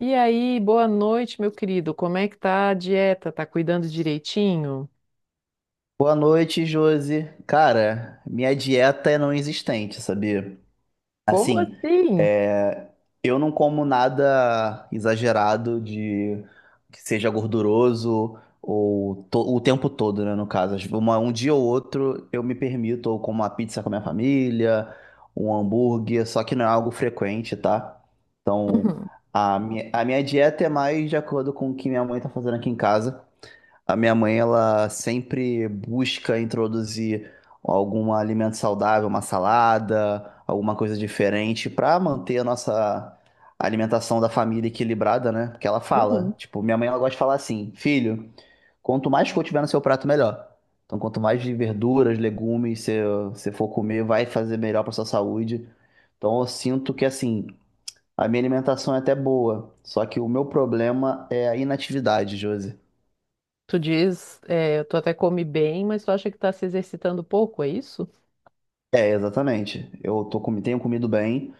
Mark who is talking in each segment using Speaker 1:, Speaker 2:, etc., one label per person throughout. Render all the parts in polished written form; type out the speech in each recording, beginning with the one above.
Speaker 1: E aí, boa noite, meu querido. Como é que tá a dieta? Tá cuidando direitinho?
Speaker 2: Boa noite, Josi. Cara, minha dieta é não existente, sabia?
Speaker 1: Como
Speaker 2: Assim,
Speaker 1: assim?
Speaker 2: é, eu não como nada exagerado de que seja gorduroso ou o tempo todo, né? No caso, um dia ou outro eu me permito ou como uma pizza com a minha família, um hambúrguer, só que não é algo frequente, tá? Então,
Speaker 1: Uhum,
Speaker 2: a minha dieta é mais de acordo com o que minha mãe tá fazendo aqui em casa. A minha mãe, ela sempre busca introduzir algum alimento saudável, uma salada, alguma coisa diferente para manter a nossa alimentação da família equilibrada, né? Porque ela fala,
Speaker 1: uhum.
Speaker 2: tipo, minha mãe ela gosta de falar assim, filho, quanto mais cor tiver no seu prato, melhor. Então, quanto mais de verduras, legumes você for comer, vai fazer melhor para sua saúde. Então, eu sinto que assim, a minha alimentação é até boa, só que o meu problema é a inatividade, Josi.
Speaker 1: Tu diz, tu até come bem, mas tu acha que tá se exercitando pouco, é isso?
Speaker 2: É, exatamente. Tenho comido bem,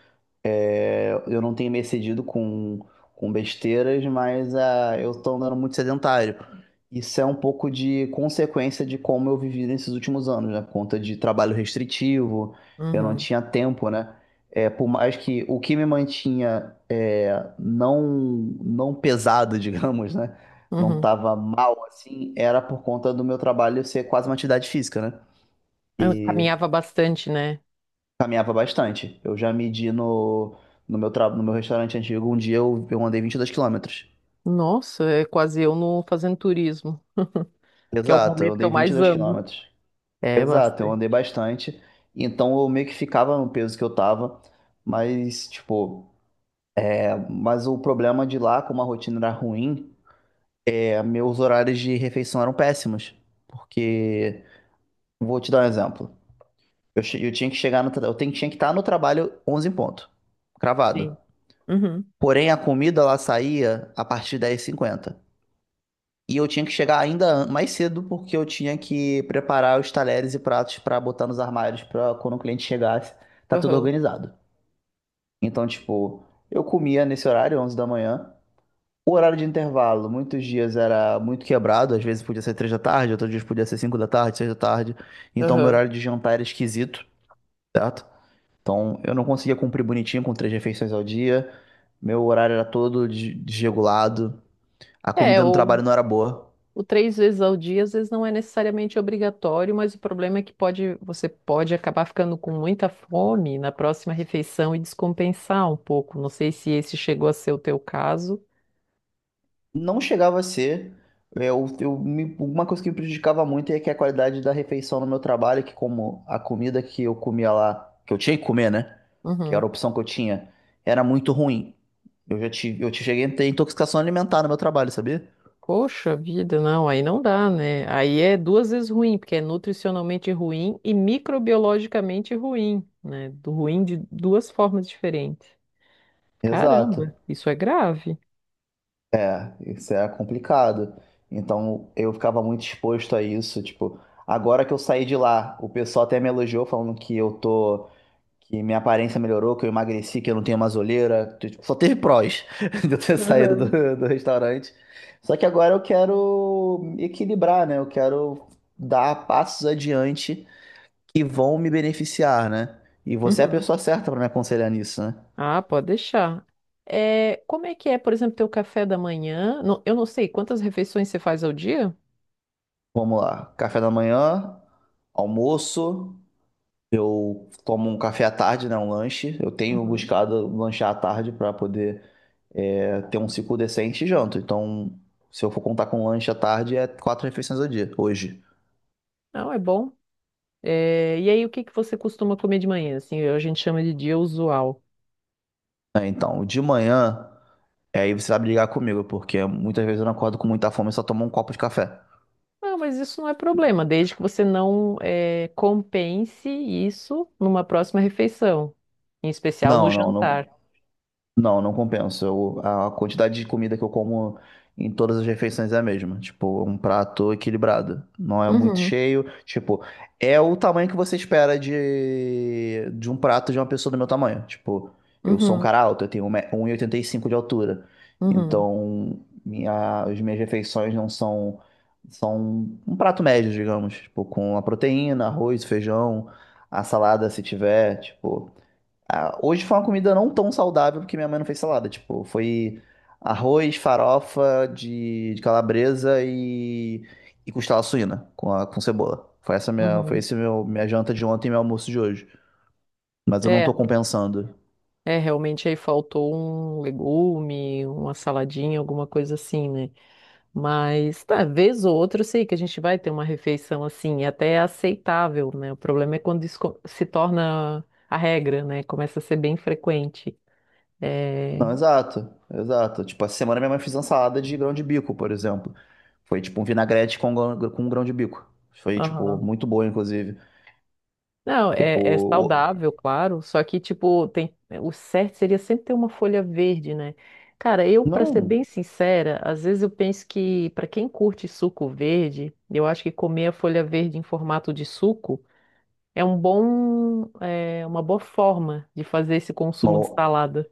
Speaker 2: eu não tenho me excedido com besteiras, mas eu tô andando muito sedentário. Isso é um pouco de consequência de como eu vivi nesses últimos anos, né? Por conta de trabalho restritivo, eu não
Speaker 1: Uhum,
Speaker 2: tinha tempo, né? É, por mais que o que me mantinha é, não, não pesado, digamos, né? Não
Speaker 1: uhum.
Speaker 2: tava mal assim, era por conta do meu trabalho ser quase uma atividade física, né?
Speaker 1: Eu caminhava bastante, né?
Speaker 2: Caminhava bastante. Eu já medi no meu restaurante antigo, um dia eu andei 22 quilômetros.
Speaker 1: Nossa, é quase eu no fazendo turismo, que é o
Speaker 2: Exato, eu
Speaker 1: momento que eu
Speaker 2: andei vinte e
Speaker 1: mais
Speaker 2: dois
Speaker 1: ando.
Speaker 2: quilômetros.
Speaker 1: É,
Speaker 2: Exato, eu
Speaker 1: bastante.
Speaker 2: andei bastante. Então eu meio que ficava no peso que eu tava. Mas, tipo, mas o problema de lá, como a rotina era ruim, meus horários de refeição eram péssimos. Porque, vou te dar um exemplo. Eu tinha que chegar no, tra- eu tenho- tinha que estar no trabalho 11 em ponto, cravado.
Speaker 1: Sim. Uhum,
Speaker 2: Porém, a comida ela saía a partir de 10h50. E eu tinha que chegar ainda mais cedo porque eu tinha que preparar os talheres e pratos pra botar nos armários pra quando o cliente chegasse, tá tudo
Speaker 1: uhum,
Speaker 2: organizado. Então, tipo, eu comia nesse horário, 11 da manhã. O horário de intervalo, muitos dias era muito quebrado, às vezes podia ser 3 da tarde, outros dias podia ser 5 da tarde, 6 da tarde. Então, meu
Speaker 1: uhum.
Speaker 2: horário de jantar era esquisito, certo? Então, eu não conseguia cumprir bonitinho com três refeições ao dia. Meu horário era todo desregulado. A
Speaker 1: É,
Speaker 2: comida no
Speaker 1: o,
Speaker 2: trabalho não era boa.
Speaker 1: O três vezes ao dia, às vezes, não é necessariamente obrigatório, mas o problema é que você pode acabar ficando com muita fome na próxima refeição e descompensar um pouco. Não sei se esse chegou a ser o teu caso.
Speaker 2: Não chegava a ser. Uma coisa que me prejudicava muito é que a qualidade da refeição no meu trabalho, que como a comida que eu comia lá, que eu tinha que comer, né? Que
Speaker 1: Uhum.
Speaker 2: era a opção que eu tinha, era muito ruim. Eu já tive, eu cheguei a ter intoxicação alimentar no meu trabalho, sabia?
Speaker 1: Poxa vida, não, aí não dá, né? Aí é duas vezes ruim, porque é nutricionalmente ruim e microbiologicamente ruim, né? Do ruim de duas formas diferentes. Caramba,
Speaker 2: Exato.
Speaker 1: isso é grave.
Speaker 2: É, isso é complicado. Então eu ficava muito exposto a isso. Tipo, agora que eu saí de lá, o pessoal até me elogiou falando que eu tô. Que minha aparência melhorou, que eu emagreci, que eu não tenho mais olheira. Tipo, só teve prós de eu ter saído
Speaker 1: Aham.
Speaker 2: do restaurante. Só que agora eu quero equilibrar, né? Eu quero dar passos adiante que vão me beneficiar, né? E você é a
Speaker 1: Uhum.
Speaker 2: pessoa certa para me aconselhar nisso, né?
Speaker 1: Ah, pode deixar. É, como é que é, por exemplo, teu café da manhã? Eu não sei, quantas refeições você faz ao dia?
Speaker 2: Vamos lá. Café da manhã, almoço. Eu tomo um café à tarde, né? Um lanche. Eu tenho
Speaker 1: Uhum.
Speaker 2: buscado lanchar à tarde para poder ter um ciclo decente e janto. Então, se eu for contar com lanche à tarde, é quatro refeições ao dia, hoje.
Speaker 1: Não, é bom. É, e aí, o que que você costuma comer de manhã? Assim, a gente chama de dia usual.
Speaker 2: Né? Então, de manhã, aí você vai brigar comigo, porque muitas vezes eu não acordo com muita fome e só tomo um copo de café.
Speaker 1: Ah, mas isso não é problema, desde que você não é, compense isso numa próxima refeição, em especial no
Speaker 2: Não, não,
Speaker 1: jantar.
Speaker 2: não, não, não compensa. A quantidade de comida que eu como em todas as refeições é a mesma. Tipo, um prato equilibrado. Não é muito
Speaker 1: Uhum,
Speaker 2: cheio. Tipo, é o tamanho que você espera de um prato de uma pessoa do meu tamanho. Tipo, eu sou um
Speaker 1: uhum,
Speaker 2: cara alto, eu tenho um e oitenta e cinco de altura.
Speaker 1: uhum,
Speaker 2: Então, as minhas refeições não são. São um prato médio, digamos. Tipo, com a proteína, arroz, feijão, a salada, se tiver. Tipo. Ah, hoje foi uma comida não tão saudável porque minha mãe não fez salada. Tipo, foi arroz, farofa de calabresa e costela suína com cebola. Foi
Speaker 1: uhum.
Speaker 2: esse meu minha janta de ontem e meu almoço de hoje. Mas eu não tô
Speaker 1: É,
Speaker 2: compensando.
Speaker 1: é, realmente aí faltou um legume, uma saladinha, alguma coisa assim, né? Mas, tá, vez ou outra, eu sei que a gente vai ter uma refeição assim, até é aceitável, né? O problema é quando se torna a regra, né? Começa a ser bem frequente. É...
Speaker 2: Não, exato, exato. Tipo, essa semana minha mãe fez uma salada de grão de bico, por exemplo. Foi tipo um vinagrete com grão de bico. Foi, tipo,
Speaker 1: aham.
Speaker 2: muito boa, inclusive.
Speaker 1: Não,
Speaker 2: Tipo,
Speaker 1: é saudável, claro, só que, tipo, tem... o certo seria sempre ter uma folha verde, né? Cara, eu, pra ser
Speaker 2: não,
Speaker 1: bem sincera, às vezes eu penso que, pra quem curte suco verde, eu acho que comer a folha verde em formato de suco. É uma boa forma de fazer esse consumo
Speaker 2: uma
Speaker 1: de salada.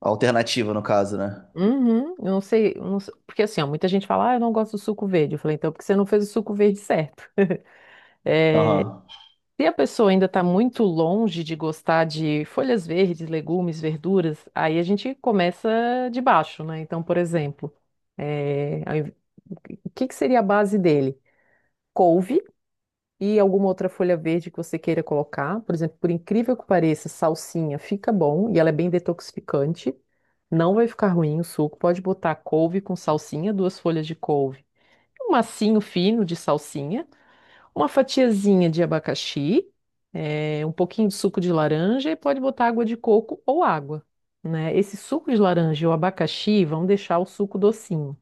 Speaker 2: alternativa no caso, né?
Speaker 1: Uhum, eu não sei- porque assim, ó, muita gente fala, ah, eu não gosto do suco verde. Eu falei, então, é porque você não fez o suco verde certo.
Speaker 2: Aham.
Speaker 1: Se a pessoa ainda está muito longe de gostar de folhas verdes, legumes, verduras, aí a gente começa de baixo, né? Então, por exemplo, é, ao inv- o que que seria a base dele? Couve. E alguma outra folha verde que você queira colocar. Por exemplo, por incrível que pareça, salsinha fica bom e ela é bem detoxificante. Não vai ficar ruim o suco. Pode botar couve com salsinha, duas folhas de couve, um massinho fino de salsinha, uma fatiazinha de abacaxi, um pouquinho de suco de laranja e pode botar água de coco ou água, né? Esse suco de laranja e o abacaxi vão deixar o suco docinho.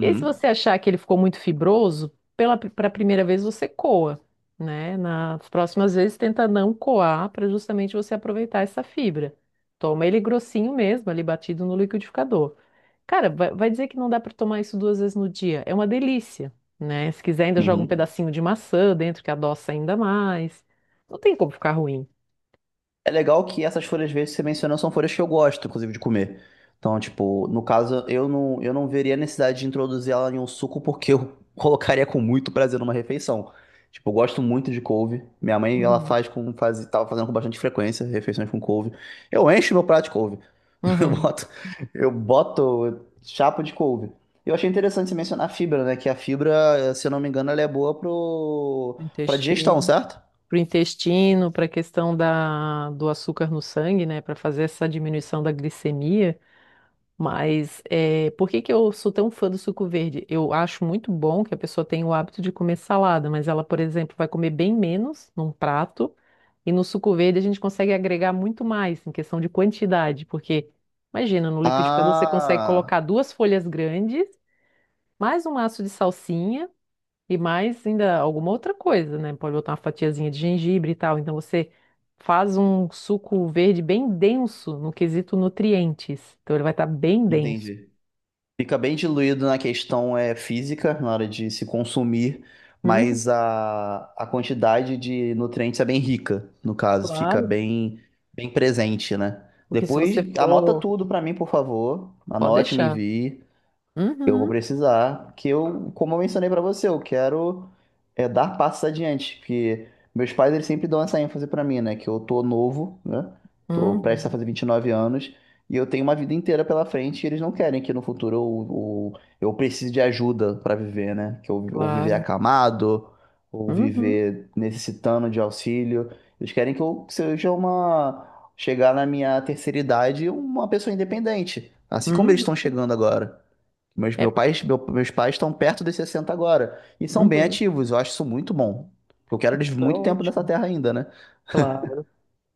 Speaker 1: E aí, se você achar que ele ficou muito fibroso, pela para a primeira vez você coa, né? Nas próximas vezes tenta não coar para justamente você aproveitar essa fibra. Toma ele grossinho mesmo, ali batido no liquidificador. Cara, vai dizer que não dá para tomar isso duas vezes no dia. É uma delícia, né? Se quiser, ainda joga um
Speaker 2: Uhum.
Speaker 1: pedacinho de maçã dentro que adoça ainda mais. Não tem como ficar ruim.
Speaker 2: É legal que essas folhas verdes que você mencionou são folhas que eu gosto, inclusive, de comer. Então, tipo, no caso, eu não veria a necessidade de introduzir ela em um suco porque eu colocaria com muito prazer numa refeição. Tipo, eu gosto muito de couve. Minha mãe, ela
Speaker 1: Uhum.
Speaker 2: tava fazendo com bastante frequência, refeições com couve. Eu encho meu prato de couve. Eu
Speaker 1: Uhum.
Speaker 2: boto, eu boto chapa de couve. Eu achei interessante você mencionar a fibra, né? Que a fibra, se eu não me engano, ela é boa pra digestão,
Speaker 1: Intestino.
Speaker 2: certo?
Speaker 1: Para o intestino, para a questão do açúcar no sangue, né, para fazer essa diminuição da glicemia. Mas é, por que que eu sou tão fã do suco verde? Eu acho muito bom que a pessoa tenha o hábito de comer salada, mas ela, por exemplo, vai comer bem menos num prato, e no suco verde a gente consegue agregar muito mais em questão de quantidade, porque imagina, no liquidificador você consegue colocar
Speaker 2: Ah,
Speaker 1: duas folhas grandes, mais um maço de salsinha. E mais ainda alguma outra coisa, né? Pode botar uma fatiazinha de gengibre e tal. Então você faz um suco verde bem denso no quesito nutrientes. Então ele vai estar bem denso.
Speaker 2: entendi. Fica bem diluído na questão física, na hora de se consumir, mas
Speaker 1: Uhum,
Speaker 2: a quantidade de nutrientes é bem rica, no caso, fica
Speaker 1: claro.
Speaker 2: bem, bem presente, né?
Speaker 1: Porque se
Speaker 2: Depois
Speaker 1: você
Speaker 2: anota
Speaker 1: for.
Speaker 2: tudo pra mim, por favor.
Speaker 1: Pode
Speaker 2: Anote, me
Speaker 1: deixar.
Speaker 2: envie. Eu vou
Speaker 1: Uhum,
Speaker 2: precisar, que eu, como eu mencionei pra você, eu quero dar passos adiante, que meus pais eles sempre dão essa ênfase pra mim, né? Que eu tô novo, né? Tô prestes a
Speaker 1: uhum,
Speaker 2: fazer 29 anos e eu tenho uma vida inteira pela frente e eles não querem que no futuro eu precise de ajuda pra viver, né? Ou viver
Speaker 1: claro.
Speaker 2: acamado, ou
Speaker 1: Uhum,
Speaker 2: viver necessitando de auxílio. Eles querem que eu seja chegar na minha terceira idade uma pessoa independente, assim como eles
Speaker 1: uhum.
Speaker 2: estão chegando agora. Mas
Speaker 1: É, por-
Speaker 2: meus pais estão perto dos 60 agora e são bem
Speaker 1: uhum.
Speaker 2: ativos. Eu acho isso muito bom. Eu quero eles
Speaker 1: Isso é
Speaker 2: muito tempo nessa
Speaker 1: ótimo.
Speaker 2: terra ainda, né?
Speaker 1: Claro.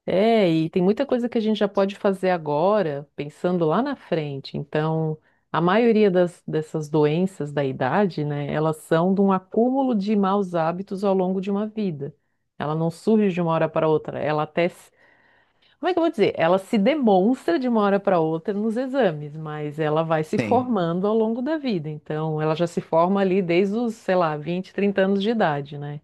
Speaker 1: É, e tem muita coisa que a gente já pode fazer agora, pensando lá na frente. Então, a maioria dessas doenças da idade, né, elas são de um acúmulo de maus hábitos ao longo de uma vida. Ela não surge de uma hora para outra. Ela até, se- como é que eu vou dizer? Ela se demonstra de uma hora para outra nos exames, mas ela vai se
Speaker 2: Sim.
Speaker 1: formando ao longo da vida. Então, ela já se forma ali desde os, sei lá, 20, 30 anos de idade, né?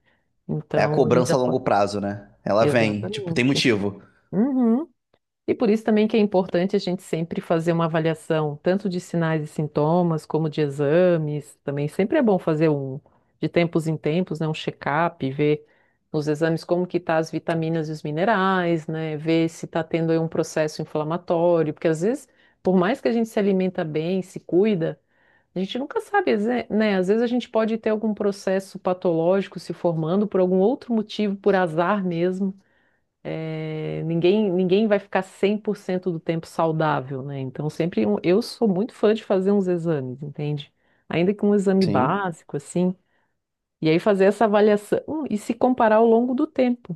Speaker 2: É a
Speaker 1: Então, a gente já
Speaker 2: cobrança a
Speaker 1: pode.
Speaker 2: longo prazo, né? Ela vem, tipo, tem
Speaker 1: Exatamente.
Speaker 2: motivo.
Speaker 1: Uhum. E por isso também que é importante a gente sempre fazer uma avaliação, tanto de sinais e sintomas, como de exames. Também sempre é bom fazer de tempos em tempos, né, um check-up, ver nos exames como que tá as vitaminas e os minerais, né, ver se está tendo aí um processo inflamatório, porque às vezes, por mais que a gente se alimenta bem, se cuida, a gente nunca sabe, né, às vezes a gente pode ter algum processo patológico se formando por algum outro motivo, por azar mesmo. É, ninguém vai ficar 100% do tempo saudável, né? Então, eu sou muito fã de fazer uns exames, entende? Ainda que um exame
Speaker 2: Sim.
Speaker 1: básico, assim, e aí fazer essa avaliação e se comparar ao longo do tempo.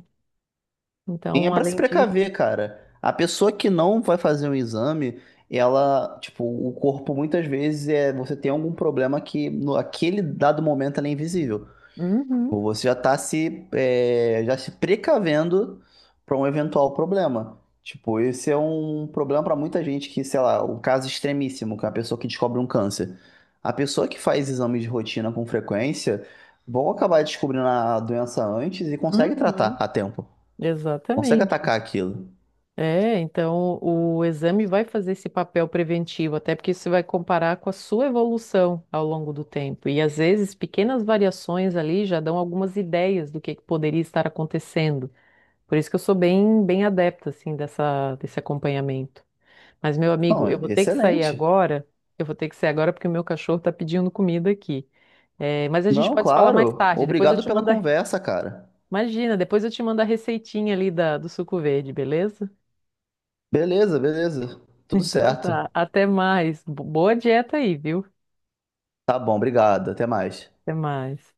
Speaker 2: E é
Speaker 1: Então,
Speaker 2: pra se
Speaker 1: além disso,
Speaker 2: precaver, cara. A pessoa que não vai fazer um exame, ela, tipo, o corpo muitas vezes é você tem algum problema que no aquele dado momento ela é invisível.
Speaker 1: uhum,
Speaker 2: Ou você já está se, é, já se precavendo para um eventual problema. Tipo, esse é um problema para muita gente que, sei lá, um caso extremíssimo, que é a pessoa que descobre um câncer. A pessoa que faz exames de rotina com frequência vão acabar descobrindo a doença antes e consegue tratar
Speaker 1: uhum,
Speaker 2: a tempo. Consegue
Speaker 1: exatamente.
Speaker 2: atacar aquilo.
Speaker 1: É, então o exame vai fazer esse papel preventivo, até porque você vai comparar com a sua evolução ao longo do tempo. E às vezes pequenas variações ali já dão algumas ideias do que poderia estar acontecendo. Por isso que eu sou bem adepta assim dessa desse acompanhamento. Mas meu amigo, eu
Speaker 2: Não,
Speaker 1: vou ter que sair
Speaker 2: excelente.
Speaker 1: agora. Eu vou ter que sair agora porque o meu cachorro está pedindo comida aqui. É, mas a gente
Speaker 2: Não,
Speaker 1: pode se falar mais
Speaker 2: claro.
Speaker 1: tarde. Depois eu
Speaker 2: Obrigado
Speaker 1: te
Speaker 2: pela
Speaker 1: mando a...
Speaker 2: conversa, cara.
Speaker 1: Imagina, depois eu te mando a receitinha ali do suco verde, beleza?
Speaker 2: Beleza, beleza. Tudo
Speaker 1: Então
Speaker 2: certo.
Speaker 1: tá. Até mais. Boa dieta aí, viu?
Speaker 2: Tá bom, obrigado. Até mais.
Speaker 1: Até mais.